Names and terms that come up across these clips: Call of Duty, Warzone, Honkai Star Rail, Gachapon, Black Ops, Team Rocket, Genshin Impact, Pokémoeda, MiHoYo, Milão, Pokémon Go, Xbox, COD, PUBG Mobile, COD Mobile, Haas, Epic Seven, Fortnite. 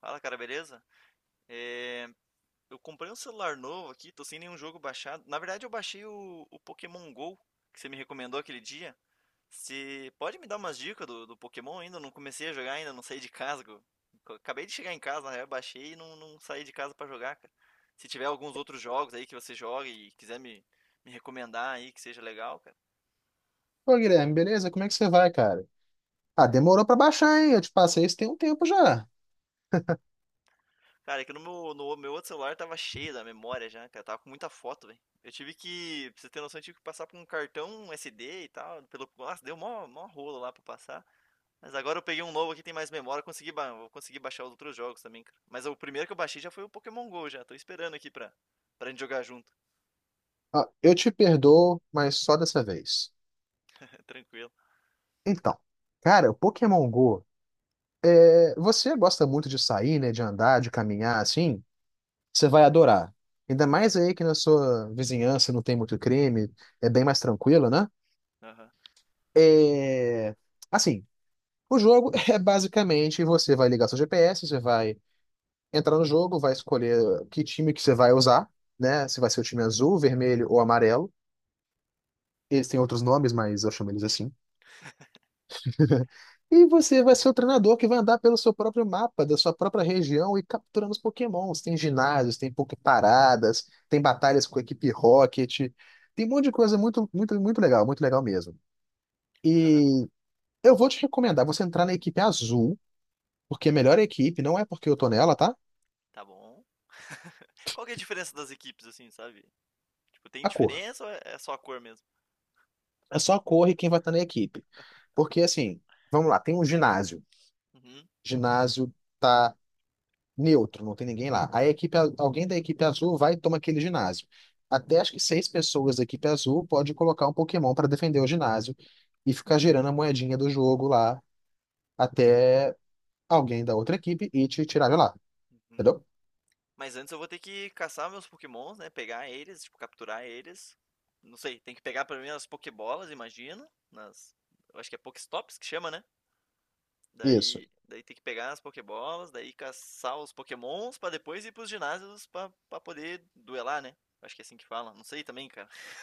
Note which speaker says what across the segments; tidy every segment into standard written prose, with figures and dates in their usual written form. Speaker 1: Fala, cara, beleza? É, eu comprei um celular novo aqui, tô sem nenhum jogo baixado. Na verdade, eu baixei o Pokémon Go, que você me recomendou aquele dia. Você pode me dar umas dicas do Pokémon ainda? Eu não comecei a jogar ainda, não saí de casa. Eu Acabei de chegar em casa, na real, baixei e não saí de casa pra jogar, cara. Se tiver alguns outros jogos aí que você joga e quiser me recomendar aí que seja legal, cara.
Speaker 2: Pô, Guilherme, beleza? Como é que você vai, cara? Ah, demorou pra baixar, hein? Eu te passei isso tem um tempo já.
Speaker 1: Cara, aqui no meu outro celular tava cheio da memória já, cara. Tava com muita foto, velho. Eu tive que, pra você ter noção, eu tive que passar por um cartão SD e tal. Pelo, nossa, deu mó rolo lá pra passar. Mas agora eu peguei um novo aqui, tem mais memória. Vou conseguir baixar os outros jogos também, cara. Mas o primeiro que eu baixei já foi o Pokémon GO já. Tô esperando aqui pra gente jogar junto.
Speaker 2: Ah, eu te perdoo, mas só dessa vez.
Speaker 1: Tranquilo.
Speaker 2: Então, cara, o Pokémon Go, você gosta muito de sair, né? De andar, de caminhar, assim? Você vai adorar. Ainda mais aí que na sua vizinhança não tem muito crime, é bem mais tranquilo, né?
Speaker 1: Aham.
Speaker 2: É... Assim, o jogo é basicamente você vai ligar seu GPS, você vai entrar no jogo, vai escolher que time que você vai usar, né? Se vai ser o time azul, vermelho ou amarelo. Eles têm outros nomes, mas eu chamo eles assim. E você vai ser o treinador que vai andar pelo seu próprio mapa, da sua própria região e capturando os Pokémons. Tem ginásios, tem Poképaradas, tem batalhas com a equipe Rocket. Tem um monte de coisa muito, muito, muito legal mesmo.
Speaker 1: Aham.
Speaker 2: E eu vou te recomendar você entrar na equipe azul, porque é melhor a melhor equipe não é porque eu tô nela, tá?
Speaker 1: Tá bom. Qual que é a diferença das equipes, assim, sabe? Tipo, tem
Speaker 2: A cor.
Speaker 1: diferença ou é só a cor mesmo?
Speaker 2: É só a cor e quem vai estar na equipe. Porque assim, vamos lá, tem um ginásio.
Speaker 1: Uhum.
Speaker 2: Ginásio tá neutro, não tem ninguém lá. Aí alguém da equipe azul vai e toma aquele ginásio. Até acho que seis pessoas da equipe azul pode colocar um Pokémon para defender o ginásio e ficar girando a moedinha do jogo lá até alguém da outra equipe e te tirar de lá.
Speaker 1: Uhum.
Speaker 2: Entendeu?
Speaker 1: Mas antes eu vou ter que caçar meus Pokémons, né? Pegar eles, tipo, capturar eles. Não sei, tem que pegar pra mim as Pokébolas, imagino. Nas... Eu acho que é Pokéstops que chama, né?
Speaker 2: Isso.
Speaker 1: Daí tem que pegar as Pokébolas, daí caçar os Pokémons pra depois ir pros ginásios pra poder duelar, né? Acho que é assim que fala. Não sei também, cara.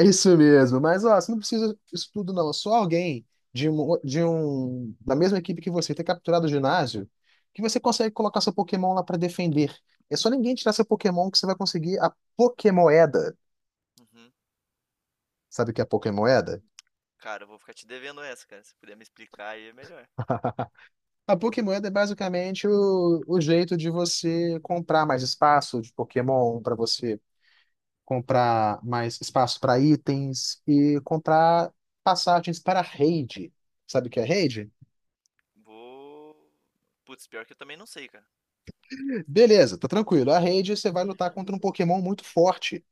Speaker 2: É isso mesmo. Mas, ó, você não precisa disso tudo, não. É só alguém de um, da mesma equipe que você ter capturado o ginásio, que você consegue colocar seu Pokémon lá pra defender. É só ninguém tirar seu Pokémon que você vai conseguir a Pokémoeda.
Speaker 1: Uhum.
Speaker 2: Sabe o que é a Pokémoeda?
Speaker 1: Cara, eu vou ficar te devendo essa, cara. Se puder me explicar aí é melhor.
Speaker 2: A Pokémoeda é basicamente o jeito de você comprar mais espaço de Pokémon, para você comprar mais espaço para itens e comprar passagens para raid. Sabe o que é raid?
Speaker 1: Vou. Putz, pior que eu também não sei, cara.
Speaker 2: Beleza, tá tranquilo. A rede você vai lutar contra um Pokémon muito forte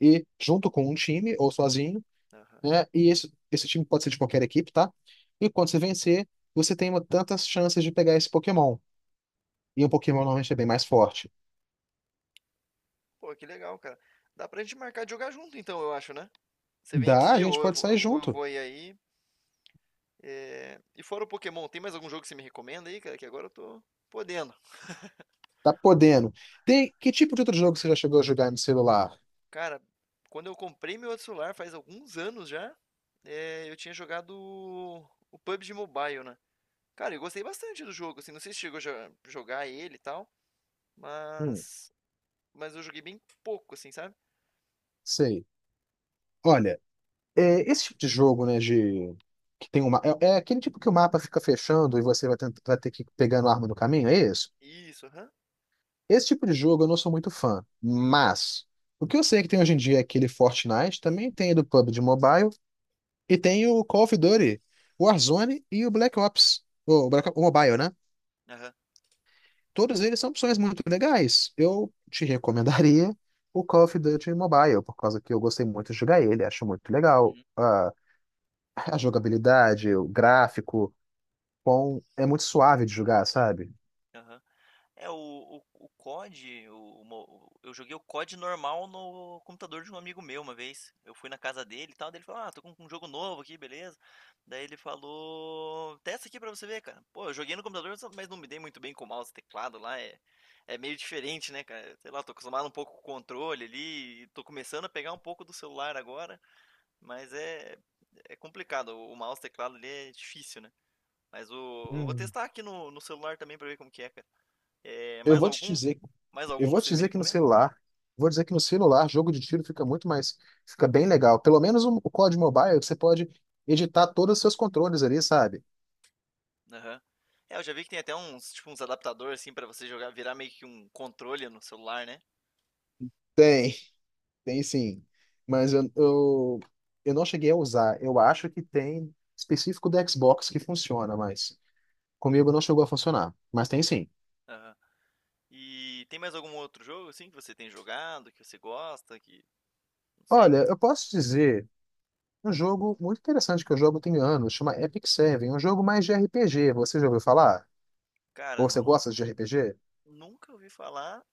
Speaker 2: e junto com um time ou sozinho,
Speaker 1: Aham.
Speaker 2: né? E esse time pode ser de qualquer equipe, tá? E quando você vencer, você tem tantas chances de pegar esse Pokémon. E um Pokémon normalmente é bem mais forte.
Speaker 1: Pô, que legal, cara. Dá pra gente marcar de jogar junto, então, eu acho, né? Você vem
Speaker 2: Dá, a
Speaker 1: aqui
Speaker 2: gente
Speaker 1: ou
Speaker 2: pode sair
Speaker 1: eu
Speaker 2: junto.
Speaker 1: vou ir aí. É, e fora o Pokémon, tem mais algum jogo que você me recomenda aí, cara? Que agora eu tô podendo.
Speaker 2: Tá podendo. Tem que tipo de outro jogo você já chegou a jogar no celular?
Speaker 1: Cara, quando eu comprei meu outro celular, faz alguns anos já, eu tinha jogado o PUBG Mobile, né? Cara, eu gostei bastante do jogo, assim, não sei se chegou a jogar ele e tal,
Speaker 2: Hum,
Speaker 1: mas mas eu joguei bem pouco, assim, sabe?
Speaker 2: Sei. Olha, esse tipo de jogo, né, de que tem é aquele tipo que o mapa fica fechando e você vai ter que ir pegando arma no caminho, é isso?
Speaker 1: Isso, aham.
Speaker 2: Esse tipo de jogo eu não sou muito fã, mas o que eu sei que tem hoje em dia é aquele Fortnite, também tem do PUBG Mobile e tem o Call of Duty, o Warzone e o Black Ops, o Mobile, né?
Speaker 1: Aham.
Speaker 2: Todos eles são opções muito legais. Eu te recomendaria o Call of Duty Mobile, por causa que eu gostei muito de jogar ele, acho muito legal.
Speaker 1: Uhum,
Speaker 2: A jogabilidade, o gráfico, é muito suave de jogar, sabe?
Speaker 1: aham. É, o COD, o, D, o mo- eu joguei o COD normal no computador de um amigo meu uma vez. Eu fui na casa dele e tal, daí ele falou, ah, tô com um jogo novo aqui, beleza. Daí ele falou, testa aqui pra você ver, cara. Pô, eu joguei no computador, mas não me dei muito bem com o mouse e teclado lá, é meio diferente, né, cara? Sei lá, tô acostumado um pouco com o controle ali, e tô começando a pegar um pouco do celular agora, mas é, é complicado, o mouse e teclado ali é difícil, né? Mas o, eu vou
Speaker 2: Hum.
Speaker 1: testar aqui no, celular também pra ver como que é, cara. É,
Speaker 2: Eu
Speaker 1: mais
Speaker 2: vou te
Speaker 1: algum?
Speaker 2: dizer
Speaker 1: Mais
Speaker 2: Eu
Speaker 1: algum
Speaker 2: vou
Speaker 1: que
Speaker 2: te
Speaker 1: você me
Speaker 2: dizer que no
Speaker 1: recomenda?
Speaker 2: celular, vou dizer que no celular, jogo de tiro fica muito mais, fica bem legal. Pelo menos o COD Mobile, que você pode editar todos os seus controles ali, sabe?
Speaker 1: Aham. É, eu já vi que tem até uns, tipo, uns adaptadores assim pra você jogar, virar meio que um controle no celular, né?
Speaker 2: Tem, tem sim. Mas eu não cheguei a usar. Eu acho que tem específico do Xbox que funciona, mas comigo não chegou a funcionar. Mas tem sim.
Speaker 1: Aham. E tem mais algum outro jogo assim que você tem jogado, que você gosta, que não sei?
Speaker 2: Olha, eu posso dizer um jogo muito interessante que eu jogo tem anos, chama Epic Seven, um jogo mais de RPG. Você já ouviu falar?
Speaker 1: Cara,
Speaker 2: Ou você gosta de RPG?
Speaker 1: nunca ouvi falar,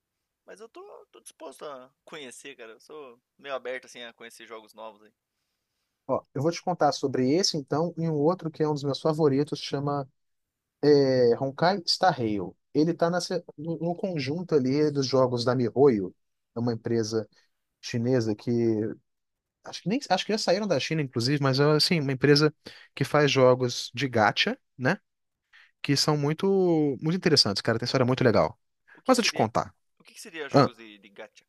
Speaker 1: mas eu tô disposto a conhecer, cara. Eu sou meio aberto assim a conhecer jogos novos aí.
Speaker 2: Ó, eu vou te contar sobre esse, então, e um outro que é um dos meus favoritos, chama Honkai Star Rail. Ele tá nessa, no, no conjunto ali dos jogos da MiHoYo, é uma
Speaker 1: Aham.
Speaker 2: empresa chinesa que acho que nem acho que já saíram da China, inclusive, mas é assim, uma empresa que faz jogos de gacha, né? Que são muito muito interessantes, cara, tem história muito legal.
Speaker 1: O que
Speaker 2: Mas
Speaker 1: que
Speaker 2: eu te
Speaker 1: seria,
Speaker 2: contar.
Speaker 1: o que que seria
Speaker 2: Ah,
Speaker 1: jogos de gacha?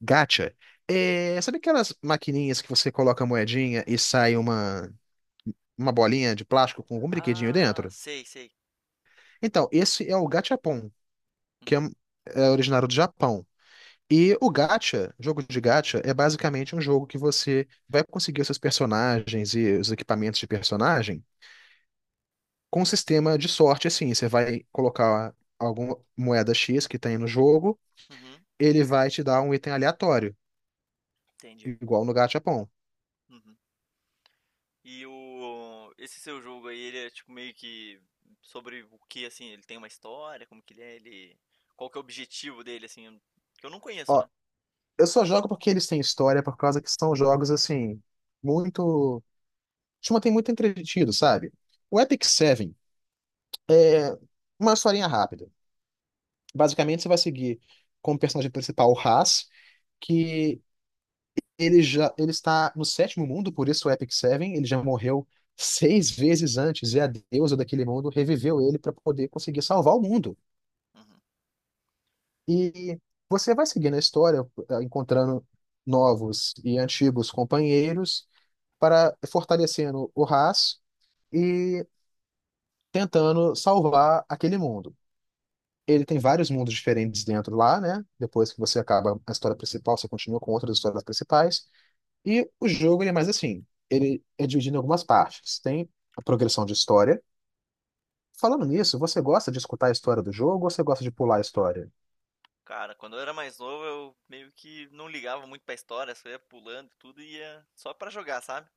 Speaker 2: gacha é, sabe aquelas maquininhas que você coloca a moedinha e sai uma bolinha de plástico com algum brinquedinho
Speaker 1: Ah,
Speaker 2: dentro?
Speaker 1: sei, sei.
Speaker 2: Então, esse é o Gachapon, que é,
Speaker 1: Uhum.
Speaker 2: é originário do Japão. E o gacha, jogo de gacha, é basicamente um jogo que você vai conseguir os seus personagens e os equipamentos de personagem com um sistema de sorte, assim. Você vai colocar alguma moeda X que tem no jogo,
Speaker 1: Uhum.
Speaker 2: ele vai te dar um item aleatório,
Speaker 1: Entendi.
Speaker 2: igual no Gachapon.
Speaker 1: Uhum. E o esse seu jogo aí, ele é tipo meio que sobre o que assim, ele tem uma história, como que ele é, ele qual que é o objetivo dele assim, que eu não conheço,
Speaker 2: Ó,
Speaker 1: né?
Speaker 2: eu só jogo porque eles têm história, por causa que são jogos, assim, muito... Te mantém muito entretido, sabe? O
Speaker 1: Uhum.
Speaker 2: Epic Seven é uma historinha rápida. Basicamente, você vai seguir como personagem principal o Haas, que ele está no sétimo mundo, por isso o Epic Seven. Ele já morreu seis vezes antes, e a deusa daquele mundo reviveu ele para poder conseguir salvar o mundo.
Speaker 1: Uhum.
Speaker 2: E você vai seguindo a história, encontrando novos e antigos companheiros para fortalecendo o Haas e tentando salvar aquele mundo. Ele tem vários mundos diferentes dentro lá, né? Depois que você acaba a história principal, você continua com outras histórias principais. E o jogo, ele é mais assim, ele é dividido em algumas partes. Tem a progressão de história. Falando nisso, você gosta de escutar a história do jogo ou você gosta de pular a história?
Speaker 1: Cara, quando eu era mais novo, eu meio que não ligava muito pra história, só ia pulando e tudo e ia só pra jogar, sabe?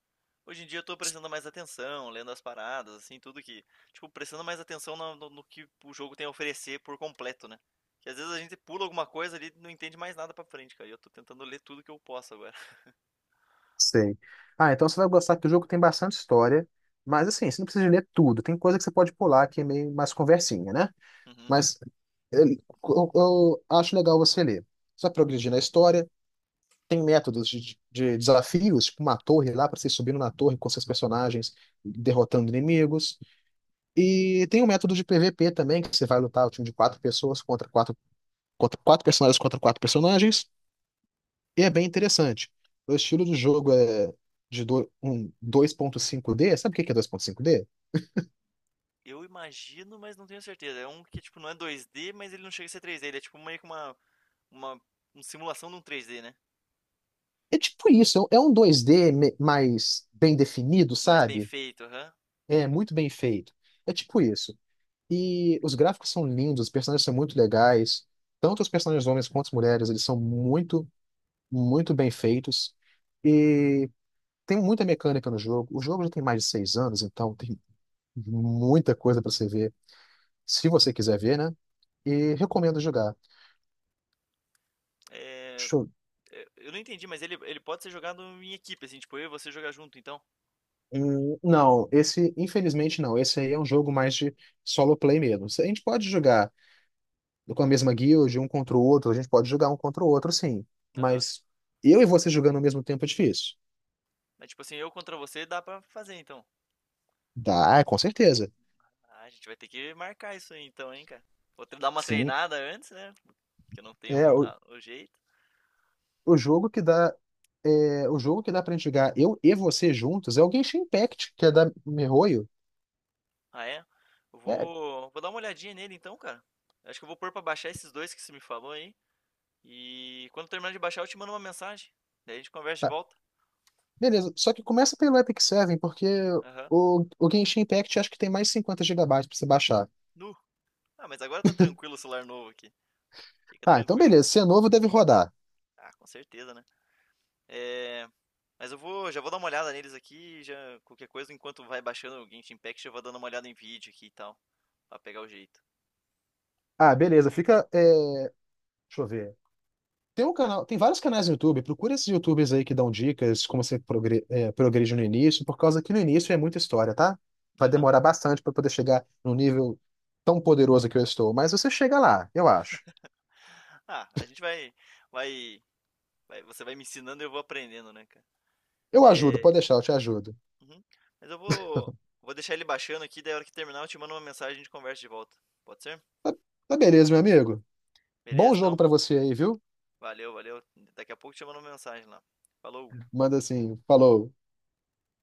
Speaker 1: Hoje em dia eu tô prestando mais atenção, lendo as paradas, assim, tudo que. Tipo, prestando mais atenção no que o jogo tem a oferecer por completo, né? Que às vezes a gente pula alguma coisa ali e não entende mais nada pra frente, cara. E eu tô tentando ler tudo que eu posso agora.
Speaker 2: Sei. Ah, então você vai gostar que o jogo tem bastante história, mas assim, você não precisa ler tudo. Tem coisa que você pode pular que é meio mais conversinha, né? Mas eu, eu acho legal você ler. Você vai progredir na história. Tem métodos de desafios, tipo uma torre lá para você ir subindo na torre com seus personagens, derrotando inimigos. E tem um método de PVP também, que você vai lutar o time de quatro pessoas contra quatro personagens contra quatro personagens. E é bem interessante. O estilo do jogo é de um 2.5D. Sabe o que que é 2.5D?
Speaker 1: Eu imagino, mas não tenho certeza. É um que, tipo, não é 2D, mas ele não chega a ser 3D. Ele é tipo meio que uma, uma simulação de um 3D, né?
Speaker 2: É tipo isso, é um 2D mais bem definido,
Speaker 1: Mas bem
Speaker 2: sabe?
Speaker 1: feito, aham.
Speaker 2: É muito bem feito. É tipo isso. E os gráficos são lindos, os personagens são muito legais. Tanto os personagens homens quanto as mulheres, eles são muito, muito bem feitos. E tem muita mecânica no jogo. O jogo já tem mais de 6 anos, então tem muita coisa para você ver, se você quiser ver, né?
Speaker 1: Uhum.
Speaker 2: E recomendo jogar.
Speaker 1: É,
Speaker 2: Deixa eu-
Speaker 1: eu não entendi, mas ele pode ser jogado em equipe, assim, tipo, eu e você jogar junto, então.
Speaker 2: Não, esse, infelizmente não. Esse aí é um jogo mais de solo play mesmo. A gente pode jogar com a mesma guild, um contra o outro, a gente pode jogar um contra o outro, sim.
Speaker 1: Aham.
Speaker 2: Mas eu e você jogando ao mesmo tempo é difícil.
Speaker 1: Mas tipo assim, eu contra você dá pra fazer, então.
Speaker 2: Dá, com certeza.
Speaker 1: Ah, a gente vai ter que marcar isso aí, então, hein, cara. Que dar uma
Speaker 2: Sim.
Speaker 1: treinada antes, né? Porque eu não
Speaker 2: É,
Speaker 1: tenho
Speaker 2: o,
Speaker 1: o jeito.
Speaker 2: o jogo que dá. O jogo que dá pra gente jogar eu e você juntos é o Genshin Impact, que é da MiHoYo.
Speaker 1: Ah, é?
Speaker 2: É,
Speaker 1: Vou dar uma olhadinha nele, então, cara. Acho que eu vou pôr pra baixar esses dois que você me falou aí. E quando terminar de baixar, eu te mando uma mensagem. Daí a gente conversa de
Speaker 2: tá.
Speaker 1: volta.
Speaker 2: Beleza. Só que começa pelo Epic Seven, porque
Speaker 1: Aham.
Speaker 2: o Genshin Impact acho que tem mais 50 gigabytes pra você baixar.
Speaker 1: Nu. Ah, mas agora tá tranquilo o celular novo aqui. Fica
Speaker 2: Ah, então
Speaker 1: tranquilo.
Speaker 2: beleza. Se é novo, deve rodar.
Speaker 1: Ah, com certeza, né? É... Mas já vou dar uma olhada neles aqui, já qualquer coisa, enquanto vai baixando o Genshin Impact, eu vou dando uma olhada em vídeo aqui e tal, pra pegar o jeito.
Speaker 2: Ah, beleza. Fica. Deixa eu ver. Tem um canal, tem vários canais no YouTube. Procura esses YouTubers aí que dão dicas como você progredir no início, por causa que no início é muita história, tá? Vai
Speaker 1: Aham.
Speaker 2: demorar bastante para poder chegar no nível tão poderoso que eu estou, mas você chega lá, eu acho.
Speaker 1: Ah, a gente vai, você vai me ensinando e eu vou aprendendo, né, cara?
Speaker 2: Eu ajudo, pode
Speaker 1: É...
Speaker 2: deixar, eu te ajudo.
Speaker 1: uhum. Mas vou deixar ele baixando aqui, daí a hora que terminar eu te mando uma mensagem e a gente conversa de volta. Pode ser?
Speaker 2: Tá beleza, meu amigo. Bom
Speaker 1: Beleza,
Speaker 2: jogo
Speaker 1: então?
Speaker 2: pra você aí, viu?
Speaker 1: Valeu, valeu. Daqui a pouco te mando mensagem lá. Falou!
Speaker 2: Manda assim, falou.